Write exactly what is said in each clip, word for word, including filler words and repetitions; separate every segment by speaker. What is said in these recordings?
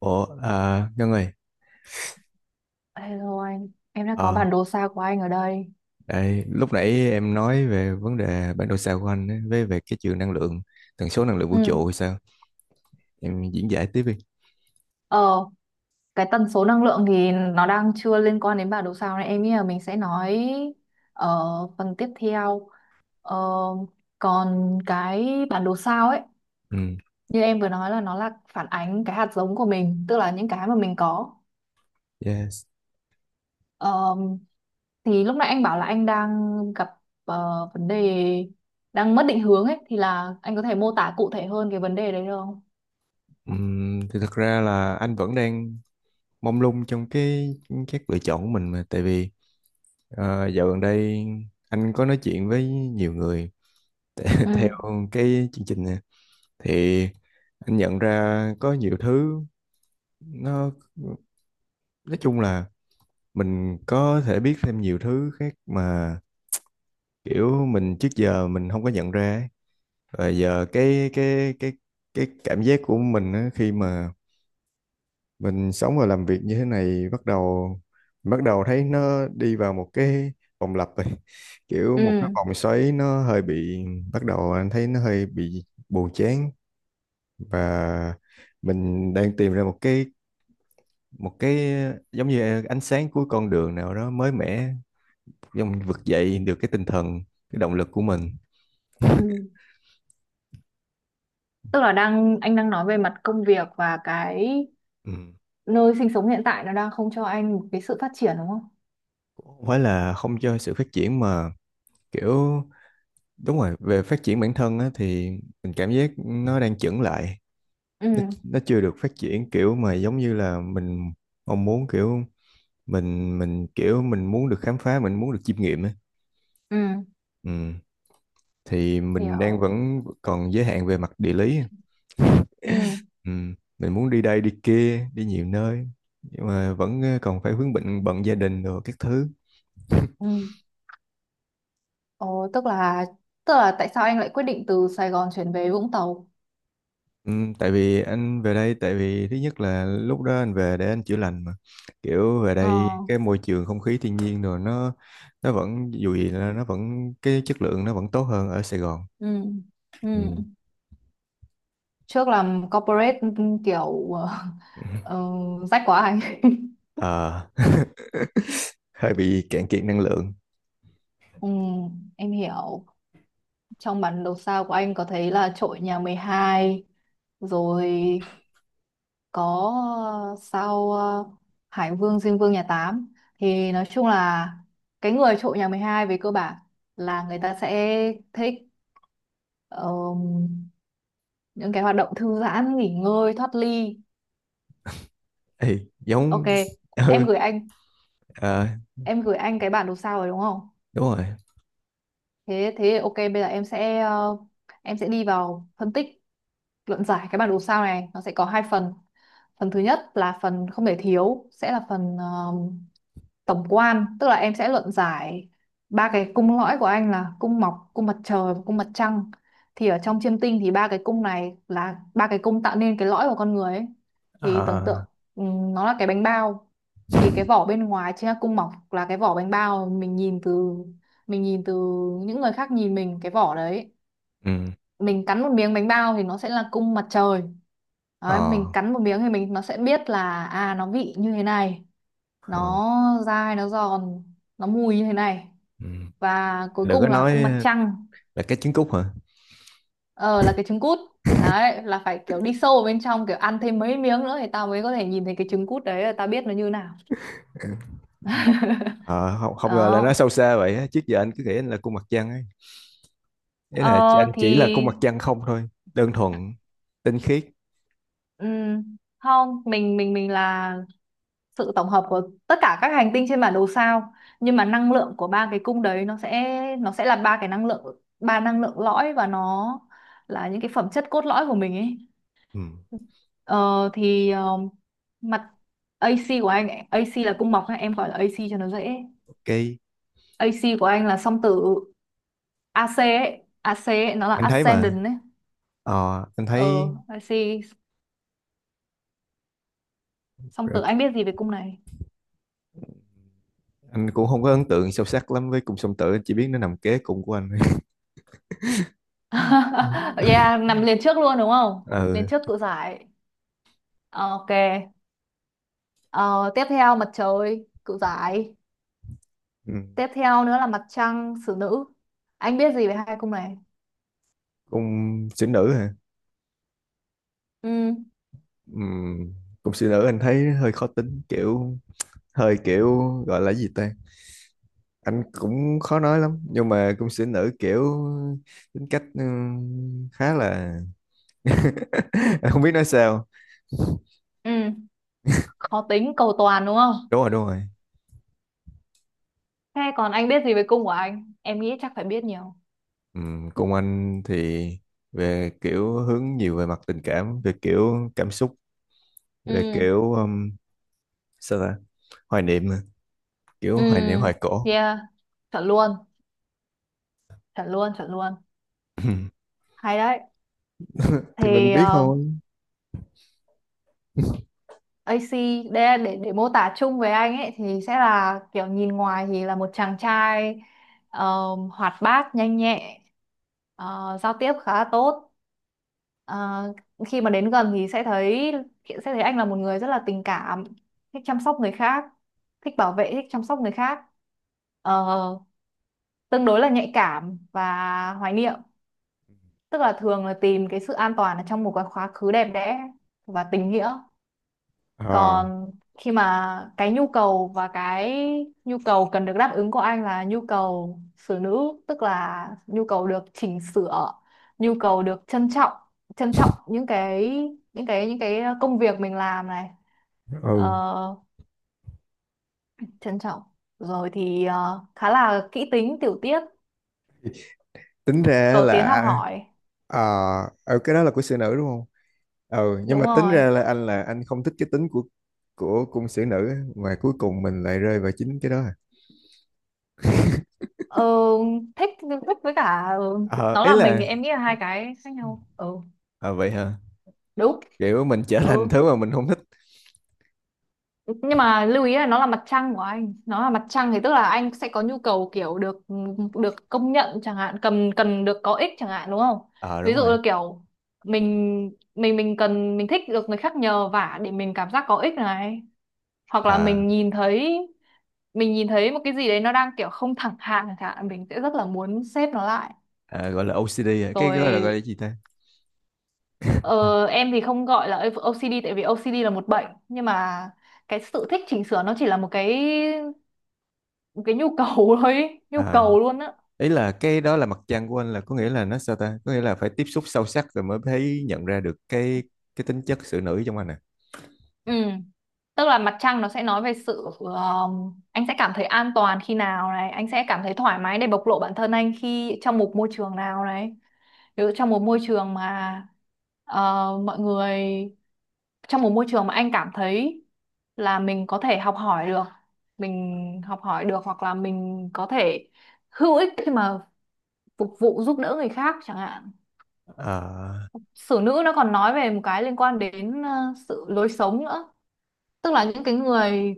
Speaker 1: Ủa, à, Ngân ơi,
Speaker 2: Hello anh, em đã có
Speaker 1: ờ,
Speaker 2: bản đồ xa của anh ở đây.
Speaker 1: đây, lúc nãy em nói về vấn đề bản đồ sao của anh ấy, với về cái trường năng lượng, tần số năng lượng vũ
Speaker 2: Ừ.
Speaker 1: trụ hay sao? Em diễn giải tiếp đi.
Speaker 2: Ờ, cái tần số năng lượng thì nó đang chưa liên quan đến bản đồ sao này, em nghĩ là mình sẽ nói ở phần tiếp theo. Ờ, còn cái bản đồ sao ấy,
Speaker 1: Ừ,
Speaker 2: như em vừa nói, là nó là phản ánh cái hạt giống của mình, tức là những cái mà mình có.
Speaker 1: yes.
Speaker 2: Ờ, thì lúc nãy anh bảo là anh đang gặp ờ, vấn đề đang mất định hướng ấy, thì là anh có thể mô tả cụ thể hơn cái vấn đề đấy được không?
Speaker 1: Ừm, thì thật ra là anh vẫn đang mông lung trong cái các lựa chọn của mình mà, tại vì ờ, dạo gần đây anh có nói chuyện với nhiều người theo
Speaker 2: Ừ.
Speaker 1: cái chương trình này, thì anh nhận ra có nhiều thứ nó nói chung là mình có thể biết thêm nhiều thứ khác mà kiểu mình trước giờ mình không có nhận ra ấy. Và giờ cái cái cái cái cảm giác của mình á, khi mà mình sống và làm việc như thế này bắt đầu bắt đầu thấy nó đi vào một cái vòng lặp rồi, kiểu một cái
Speaker 2: Ừ.
Speaker 1: vòng xoáy nó hơi bị bắt đầu anh thấy nó hơi bị buồn chán, và mình đang tìm ra một cái một cái giống như ánh sáng cuối con đường nào đó mới mẻ. Xong mình vực dậy được cái tinh thần, cái động lực của mình.
Speaker 2: Ừ. Tức là đang anh đang nói về mặt công việc và cái
Speaker 1: Ừ.
Speaker 2: nơi sinh sống hiện tại nó đang không cho anh một cái sự phát triển đúng không?
Speaker 1: Cũng không phải là không cho sự phát triển mà kiểu đúng rồi, về phát triển bản thân á, thì mình cảm giác nó đang chững lại. Nó,
Speaker 2: Ừ,
Speaker 1: nó chưa được phát triển kiểu mà giống như là mình mong muốn, kiểu mình mình kiểu mình muốn được khám phá, mình muốn được chiêm nghiệm á.
Speaker 2: ừ,
Speaker 1: Ừ. Thì mình đang
Speaker 2: hiểu.
Speaker 1: vẫn còn giới hạn về mặt địa lý.
Speaker 2: Ừ,
Speaker 1: Ừ. Mình muốn đi đây đi kia, đi nhiều nơi nhưng mà vẫn ờ, còn phải vướng bận bận gia đình rồi các thứ.
Speaker 2: ừ. Ồ, tức là tức là tại sao anh lại quyết định từ Sài Gòn chuyển về Vũng Tàu?
Speaker 1: Ừ, tại vì anh về đây, tại vì thứ nhất là lúc đó anh về để anh chữa lành mà, kiểu về
Speaker 2: Ờ,
Speaker 1: đây cái môi trường không khí thiên nhiên rồi nó nó vẫn dù gì là nó vẫn cái chất lượng nó vẫn tốt hơn ở Sài Gòn,
Speaker 2: ừ, ừ.
Speaker 1: ừ.
Speaker 2: Trước làm corporate, ừ, kiểu ờ, rách quá anh.
Speaker 1: Ờ, hơi bị cạn kiệt năng lượng.
Speaker 2: Ừ, em hiểu. Trong bản đồ sao của anh có thấy là trội nhà mười hai, rồi có ờ, sau ờ, Hải Vương Diêm Vương nhà Tám, thì nói chung là cái người trụ nhà mười hai về cơ bản là người ta sẽ thích ờ, những cái hoạt động thư giãn nghỉ ngơi thoát ly.
Speaker 1: Ê,
Speaker 2: Ok,
Speaker 1: giống
Speaker 2: em
Speaker 1: ừ,
Speaker 2: gửi anh
Speaker 1: ờ,
Speaker 2: em gửi anh cái bản đồ sao rồi đúng không?
Speaker 1: đúng rồi.
Speaker 2: Thế thế ok, bây giờ em sẽ ờ, em sẽ đi vào phân tích luận giải cái bản đồ sao này. Nó sẽ có hai phần. Phần thứ nhất là phần không thể thiếu, sẽ là phần tổng quan, tức là em sẽ luận giải ba cái cung lõi của anh, là cung mọc, cung mặt trời và cung mặt trăng. Thì ở trong chiêm tinh thì ba cái cung này là ba cái cung tạo nên cái lõi của con người ấy. Thì tưởng
Speaker 1: Ờ,
Speaker 2: tượng ừm, nó là cái bánh bao, thì cái vỏ bên ngoài chính là cung mọc, là cái vỏ bánh bao mình nhìn từ, mình nhìn từ những người khác nhìn mình cái vỏ đấy.
Speaker 1: ừ,
Speaker 2: Mình cắn một miếng bánh bao thì nó sẽ là cung mặt trời. Đấy,
Speaker 1: ờ,
Speaker 2: mình cắn một miếng thì mình nó sẽ biết là à, nó vị như thế này,
Speaker 1: ờ,
Speaker 2: nó dai nó giòn, nó mùi như thế này.
Speaker 1: ừ.
Speaker 2: Và cuối
Speaker 1: Đừng
Speaker 2: cùng
Speaker 1: có
Speaker 2: là
Speaker 1: nói
Speaker 2: cung mặt trăng.
Speaker 1: là cái trứng cút hả?
Speaker 2: Ờ là cái trứng cút. Đấy là phải kiểu đi sâu vào bên trong, kiểu ăn thêm mấy miếng nữa thì tao mới có thể nhìn thấy cái trứng cút đấy, là tao biết nó như nào.
Speaker 1: Ờ, không không ngờ là nó
Speaker 2: Đó.
Speaker 1: sâu xa vậy á. Trước giờ anh cứ nghĩ anh là cung mặt trăng. Ý
Speaker 2: Ờ
Speaker 1: là chị- anh
Speaker 2: thì
Speaker 1: chỉ là con mặt trăng không thôi, đơn thuần, tinh khiết.
Speaker 2: ừm, không, mình mình mình là sự tổng hợp của tất cả các hành tinh trên bản đồ sao, nhưng mà năng lượng của ba cái cung đấy nó sẽ nó sẽ là ba cái năng lượng, ba năng lượng lõi, và nó là những cái phẩm chất cốt lõi của mình ấy.
Speaker 1: Ừ,
Speaker 2: Ờ, thì ờ, mặt a xê của anh, a xê là cung bọc ha, em gọi là a xê cho nó dễ.
Speaker 1: ok.
Speaker 2: AC của anh là song tử. A xê ấy AC ấy, nó là
Speaker 1: Anh thấy mà,
Speaker 2: ascendant ấy.
Speaker 1: ờ, anh
Speaker 2: Ờ,
Speaker 1: thấy
Speaker 2: a xê song
Speaker 1: rồi,
Speaker 2: tử, anh biết gì về cung này?
Speaker 1: anh cũng không có ấn tượng sâu sắc lắm với cung song tử, anh chỉ biết nó nằm kế cùng của anh. Ừ,
Speaker 2: Yeah, nằm liền trước luôn đúng không,
Speaker 1: ờ,
Speaker 2: liền trước cự giải. Ờ, ok, ờ, tiếp theo mặt trời cự giải,
Speaker 1: ừ.
Speaker 2: tiếp theo nữa là mặt trăng xử nữ. Anh biết gì về hai cung này?
Speaker 1: Cung sĩ nữ hả?
Speaker 2: Ừ.
Speaker 1: Ừ. Cung sĩ nữ anh thấy hơi khó tính, kiểu hơi kiểu gọi là gì ta? Anh cũng khó nói lắm, nhưng mà cung sĩ nữ kiểu tính cách ừ, khá là anh không biết nói sao.
Speaker 2: Ừ, khó tính cầu toàn đúng không?
Speaker 1: Đúng rồi, đúng rồi.
Speaker 2: Thế còn anh biết gì về cung của anh? Em nghĩ chắc phải biết nhiều.
Speaker 1: Ừm, Công anh thì về kiểu hướng nhiều về mặt tình cảm, về kiểu cảm xúc, về
Speaker 2: Ừ,
Speaker 1: kiểu um, sao ta, hoài niệm, à, kiểu
Speaker 2: ừ,
Speaker 1: hoài niệm hoài cổ.
Speaker 2: yeah, chuẩn luôn, chuẩn luôn, chuẩn luôn. Hay đấy.
Speaker 1: Thì mình
Speaker 2: Thì
Speaker 1: biết
Speaker 2: ờ,
Speaker 1: thôi.
Speaker 2: a xê để, để để mô tả chung về anh ấy thì sẽ là kiểu nhìn ngoài thì là một chàng trai ờ, hoạt bát, nhanh nhẹ, ờ, giao tiếp khá là tốt. Ờ, Khi mà đến gần thì sẽ thấy, sẽ thấy anh là một người rất là tình cảm, thích chăm sóc người khác, thích bảo vệ, thích chăm sóc người khác. Ờ, tương đối là nhạy cảm và hoài niệm, tức là thường là tìm cái sự an toàn ở trong một cái quá khứ đẹp đẽ và tình nghĩa.
Speaker 1: Ờ,
Speaker 2: Còn khi mà cái nhu cầu, và cái nhu cầu cần được đáp ứng của anh là nhu cầu xử nữ, tức là nhu cầu được chỉnh sửa, nhu cầu được trân trọng, trân trọng những cái, những cái những cái công việc mình làm này. Ờ,
Speaker 1: ừ,
Speaker 2: trân trọng, rồi thì ờ, khá là kỹ tính tiểu tiết,
Speaker 1: tính ra
Speaker 2: cầu tiến học
Speaker 1: là
Speaker 2: hỏi.
Speaker 1: ờ, ừ, cái đó là của sĩ nữ đúng không? Ừ, nhưng
Speaker 2: Đúng
Speaker 1: mà tính
Speaker 2: rồi.
Speaker 1: ra là anh là anh không thích cái tính của của cung sĩ nữ á, mà cuối cùng mình lại rơi vào chính cái đó à?
Speaker 2: Ờ, thích, thích với cả, ờ,
Speaker 1: Ờ,
Speaker 2: nó
Speaker 1: ý
Speaker 2: là mình,
Speaker 1: là
Speaker 2: thì em nghĩ là hai cái khác nhau. Ừ,
Speaker 1: ờ, vậy hả?
Speaker 2: đúng.
Speaker 1: Kiểu mình trở
Speaker 2: Ừ,
Speaker 1: thành thứ mà mình không thích.
Speaker 2: nhưng mà lưu ý là nó là mặt trăng của anh, nó là mặt trăng, thì tức là anh sẽ có nhu cầu kiểu được được công nhận chẳng hạn, cần cần được có ích chẳng hạn đúng không?
Speaker 1: Ờ
Speaker 2: Ví
Speaker 1: đúng
Speaker 2: dụ
Speaker 1: rồi.
Speaker 2: là kiểu mình, mình mình cần, mình thích được người khác nhờ vả để mình cảm giác có ích này, hoặc là
Speaker 1: à
Speaker 2: mình nhìn thấy, mình nhìn thấy một cái gì đấy nó đang kiểu không thẳng hàng chẳng hạn, mình sẽ rất là muốn xếp nó lại.
Speaker 1: À, gọi là ô xê đê à? Cái gọi là gọi là
Speaker 2: Rồi.
Speaker 1: gì ta?
Speaker 2: Ờ, em thì không gọi là ou xi đi tại vì ou xi đi là một bệnh, nhưng mà cái sự thích chỉnh sửa nó chỉ là một cái, một cái nhu cầu thôi ý, nhu
Speaker 1: À,
Speaker 2: cầu luôn á.
Speaker 1: ý là cái đó là mặt trăng của anh là có nghĩa là nó sao ta, có nghĩa là phải tiếp xúc sâu sắc rồi mới thấy nhận ra được cái cái tính chất sự nữ trong anh à?
Speaker 2: Ừ. Tức là mặt trăng nó sẽ nói về sự um, anh sẽ cảm thấy an toàn khi nào này, anh sẽ cảm thấy thoải mái để bộc lộ bản thân anh khi trong một môi trường nào này. Ví dụ trong một môi trường mà ờ, mọi người trong một môi trường mà anh cảm thấy là mình có thể học hỏi được, mình học hỏi được hoặc là mình có thể hữu ích khi mà phục vụ giúp đỡ người khác chẳng hạn.
Speaker 1: À,
Speaker 2: Sử nữ nó còn nói về một cái liên quan đến ờ, sự lối sống nữa. Tức là những cái người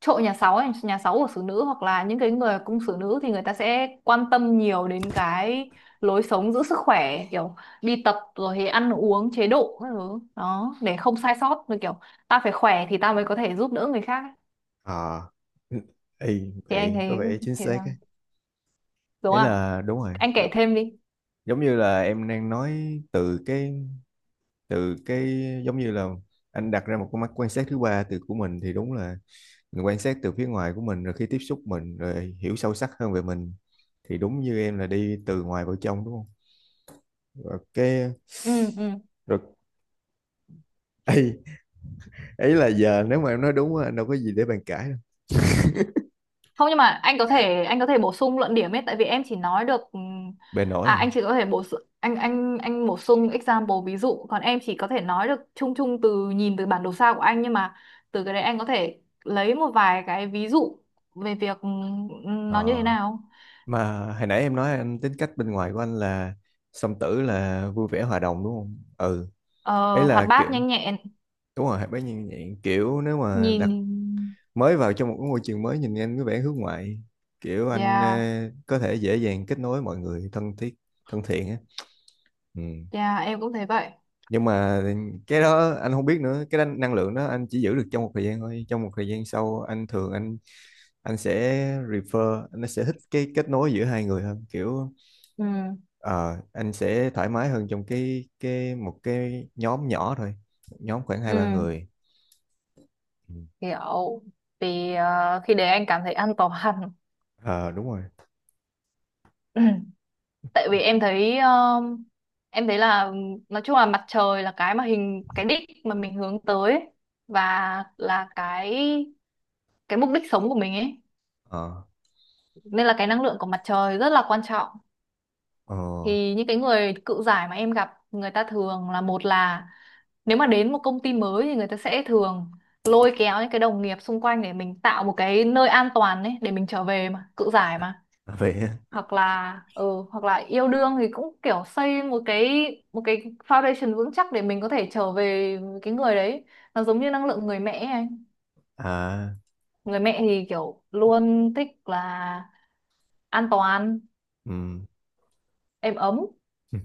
Speaker 2: trội nhà sáu ấy, nhà sáu của xử nữ, hoặc là những cái người cung xử nữ, thì người ta sẽ quan tâm nhiều đến cái lối sống giữ sức khỏe, kiểu đi tập rồi thì ăn uống chế độ các thứ đó để không sai sót, rồi kiểu ta phải khỏe thì ta mới có thể giúp đỡ người khác ấy.
Speaker 1: à. Ê,
Speaker 2: Thì anh
Speaker 1: vậy có
Speaker 2: thấy
Speaker 1: vẻ chính
Speaker 2: thế
Speaker 1: xác ấy.
Speaker 2: sao, đúng
Speaker 1: Ý
Speaker 2: không,
Speaker 1: là đúng rồi
Speaker 2: anh kể
Speaker 1: đúng.
Speaker 2: thêm đi.
Speaker 1: Giống như là em đang nói từ cái từ cái giống như là anh đặt ra một con mắt quan sát thứ ba từ của mình, thì đúng là mình quan sát từ phía ngoài của mình rồi khi tiếp xúc mình rồi hiểu sâu sắc hơn về mình, thì đúng như em là đi từ ngoài vào trong đúng không? Rồi cái
Speaker 2: Ừ. Ừ.
Speaker 1: rồi ấy, ấy là giờ nếu mà em nói đúng á, anh đâu có gì để bàn cãi đâu.
Speaker 2: Không, nhưng mà anh có thể, anh có thể bổ sung luận điểm ấy, tại vì em chỉ nói được, ừm,
Speaker 1: Bề nổi
Speaker 2: à
Speaker 1: à?
Speaker 2: anh chỉ có thể bổ su- anh anh anh bổ sung example ví dụ, còn em chỉ có thể nói được chung chung từ nhìn từ bản đồ sao của anh, nhưng mà từ cái đấy anh có thể lấy một vài cái ví dụ về việc, ừm, nó như
Speaker 1: Ờ,
Speaker 2: thế nào.
Speaker 1: mà hồi nãy em nói anh tính cách bên ngoài của anh là song tử là vui vẻ hòa đồng đúng không ừ, ấy
Speaker 2: Ờ, hoạt
Speaker 1: là
Speaker 2: bát
Speaker 1: kiểu
Speaker 2: nhanh nhẹn.
Speaker 1: đúng rồi bấy nhiêu vậy, kiểu nếu mà
Speaker 2: Nhìn,
Speaker 1: đặt mới vào trong một cái môi trường mới nhìn anh có vẻ hướng ngoại, kiểu anh ờ,
Speaker 2: yeah,
Speaker 1: có thể dễ dàng kết nối mọi người thân thiết, thân thiện á. Ừ.
Speaker 2: yeah, em cũng thấy vậy.
Speaker 1: Nhưng mà cái đó anh không biết nữa, cái năng năng lượng đó anh chỉ giữ được trong một thời gian thôi, trong một thời gian sau anh thường anh anh sẽ refer, anh sẽ thích cái kết nối giữa hai người hơn, kiểu
Speaker 2: Ừ,
Speaker 1: ờ, anh sẽ thoải mái hơn trong cái cái một cái nhóm nhỏ thôi, nhóm khoảng hai ba
Speaker 2: ừ,
Speaker 1: người. Ừ.
Speaker 2: hiểu. Thì ờ, khi đấy anh cảm thấy an toàn.
Speaker 1: Ờ đúng rồi.
Speaker 2: Tại vì em thấy, um, em thấy là um, nói chung là mặt trời là cái mà hình cái đích mà mình hướng tới ấy, và là cái cái mục đích sống của mình ấy,
Speaker 1: Ờ,
Speaker 2: nên là cái năng lượng của mặt trời rất là quan trọng.
Speaker 1: ờ,
Speaker 2: Thì những cái người cự giải mà em gặp, người ta thường là, một là nếu mà đến một công ty mới thì người ta sẽ thường lôi kéo những cái đồng nghiệp xung quanh để mình tạo một cái nơi an toàn ấy để mình trở về, mà cự giải mà.
Speaker 1: vậy á.
Speaker 2: Hoặc là, ừ, hoặc là yêu đương thì cũng kiểu xây một cái, một cái foundation vững chắc để mình có thể trở về với cái người đấy. Nó giống như năng lượng người mẹ ấy anh,
Speaker 1: À,
Speaker 2: người mẹ thì kiểu luôn thích là an toàn,
Speaker 1: ừ.
Speaker 2: êm ấm,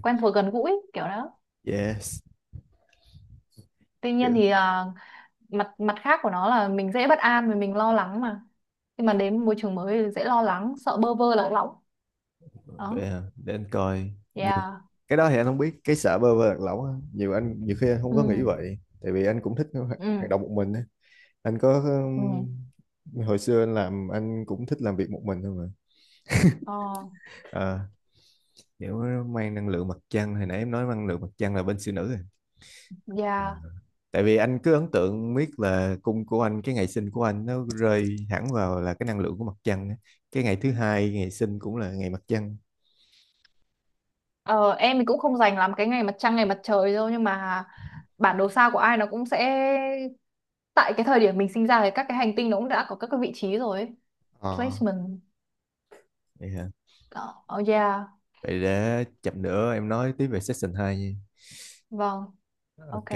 Speaker 2: quen thuộc gần gũi kiểu đó.
Speaker 1: Yes.
Speaker 2: Tuy nhiên thì à, mặt mặt khác của nó là mình dễ bất an và mình lo lắng mà, khi mà đến môi trường mới thì dễ lo lắng sợ bơ vơ lạc lõng.
Speaker 1: Vậy
Speaker 2: Đó.
Speaker 1: hả? Để anh coi nhiều.
Speaker 2: Yeah.
Speaker 1: Cái đó thì anh không biết, cái sợ bơ vơ lạc lõng á nhiều, anh nhiều khi anh không
Speaker 2: Ừ,
Speaker 1: có nghĩ vậy tại vì anh cũng thích hoạt
Speaker 2: ừ,
Speaker 1: hoạt động một mình á. Anh có
Speaker 2: ừ,
Speaker 1: um, hồi xưa anh làm anh cũng thích làm việc một mình thôi mà.
Speaker 2: ờ,
Speaker 1: À, kiểu mang năng lượng mặt trăng, hồi nãy em nói năng lượng mặt trăng là bên siêu nữ rồi. À.
Speaker 2: yeah.
Speaker 1: Tại vì anh cứ ấn tượng biết là cung của anh, cái ngày sinh của anh nó rơi hẳn vào là cái năng lượng của mặt trăng á. Cái ngày thứ hai ngày sinh cũng là ngày mặt trăng.
Speaker 2: Ờ, em thì cũng không dành lắm cái ngày mặt trăng ngày mặt trời đâu, nhưng mà bản đồ sao của ai nó cũng sẽ, tại cái thời điểm mình sinh ra thì các cái hành tinh nó cũng đã có các cái vị trí rồi ấy.
Speaker 1: Ờ.
Speaker 2: Placement.
Speaker 1: Vậy hả?
Speaker 2: Đó. Oh yeah.
Speaker 1: Vậy để chậm nữa em nói tiếp về session hai nha.
Speaker 2: Vâng.
Speaker 1: Ok.
Speaker 2: Ok.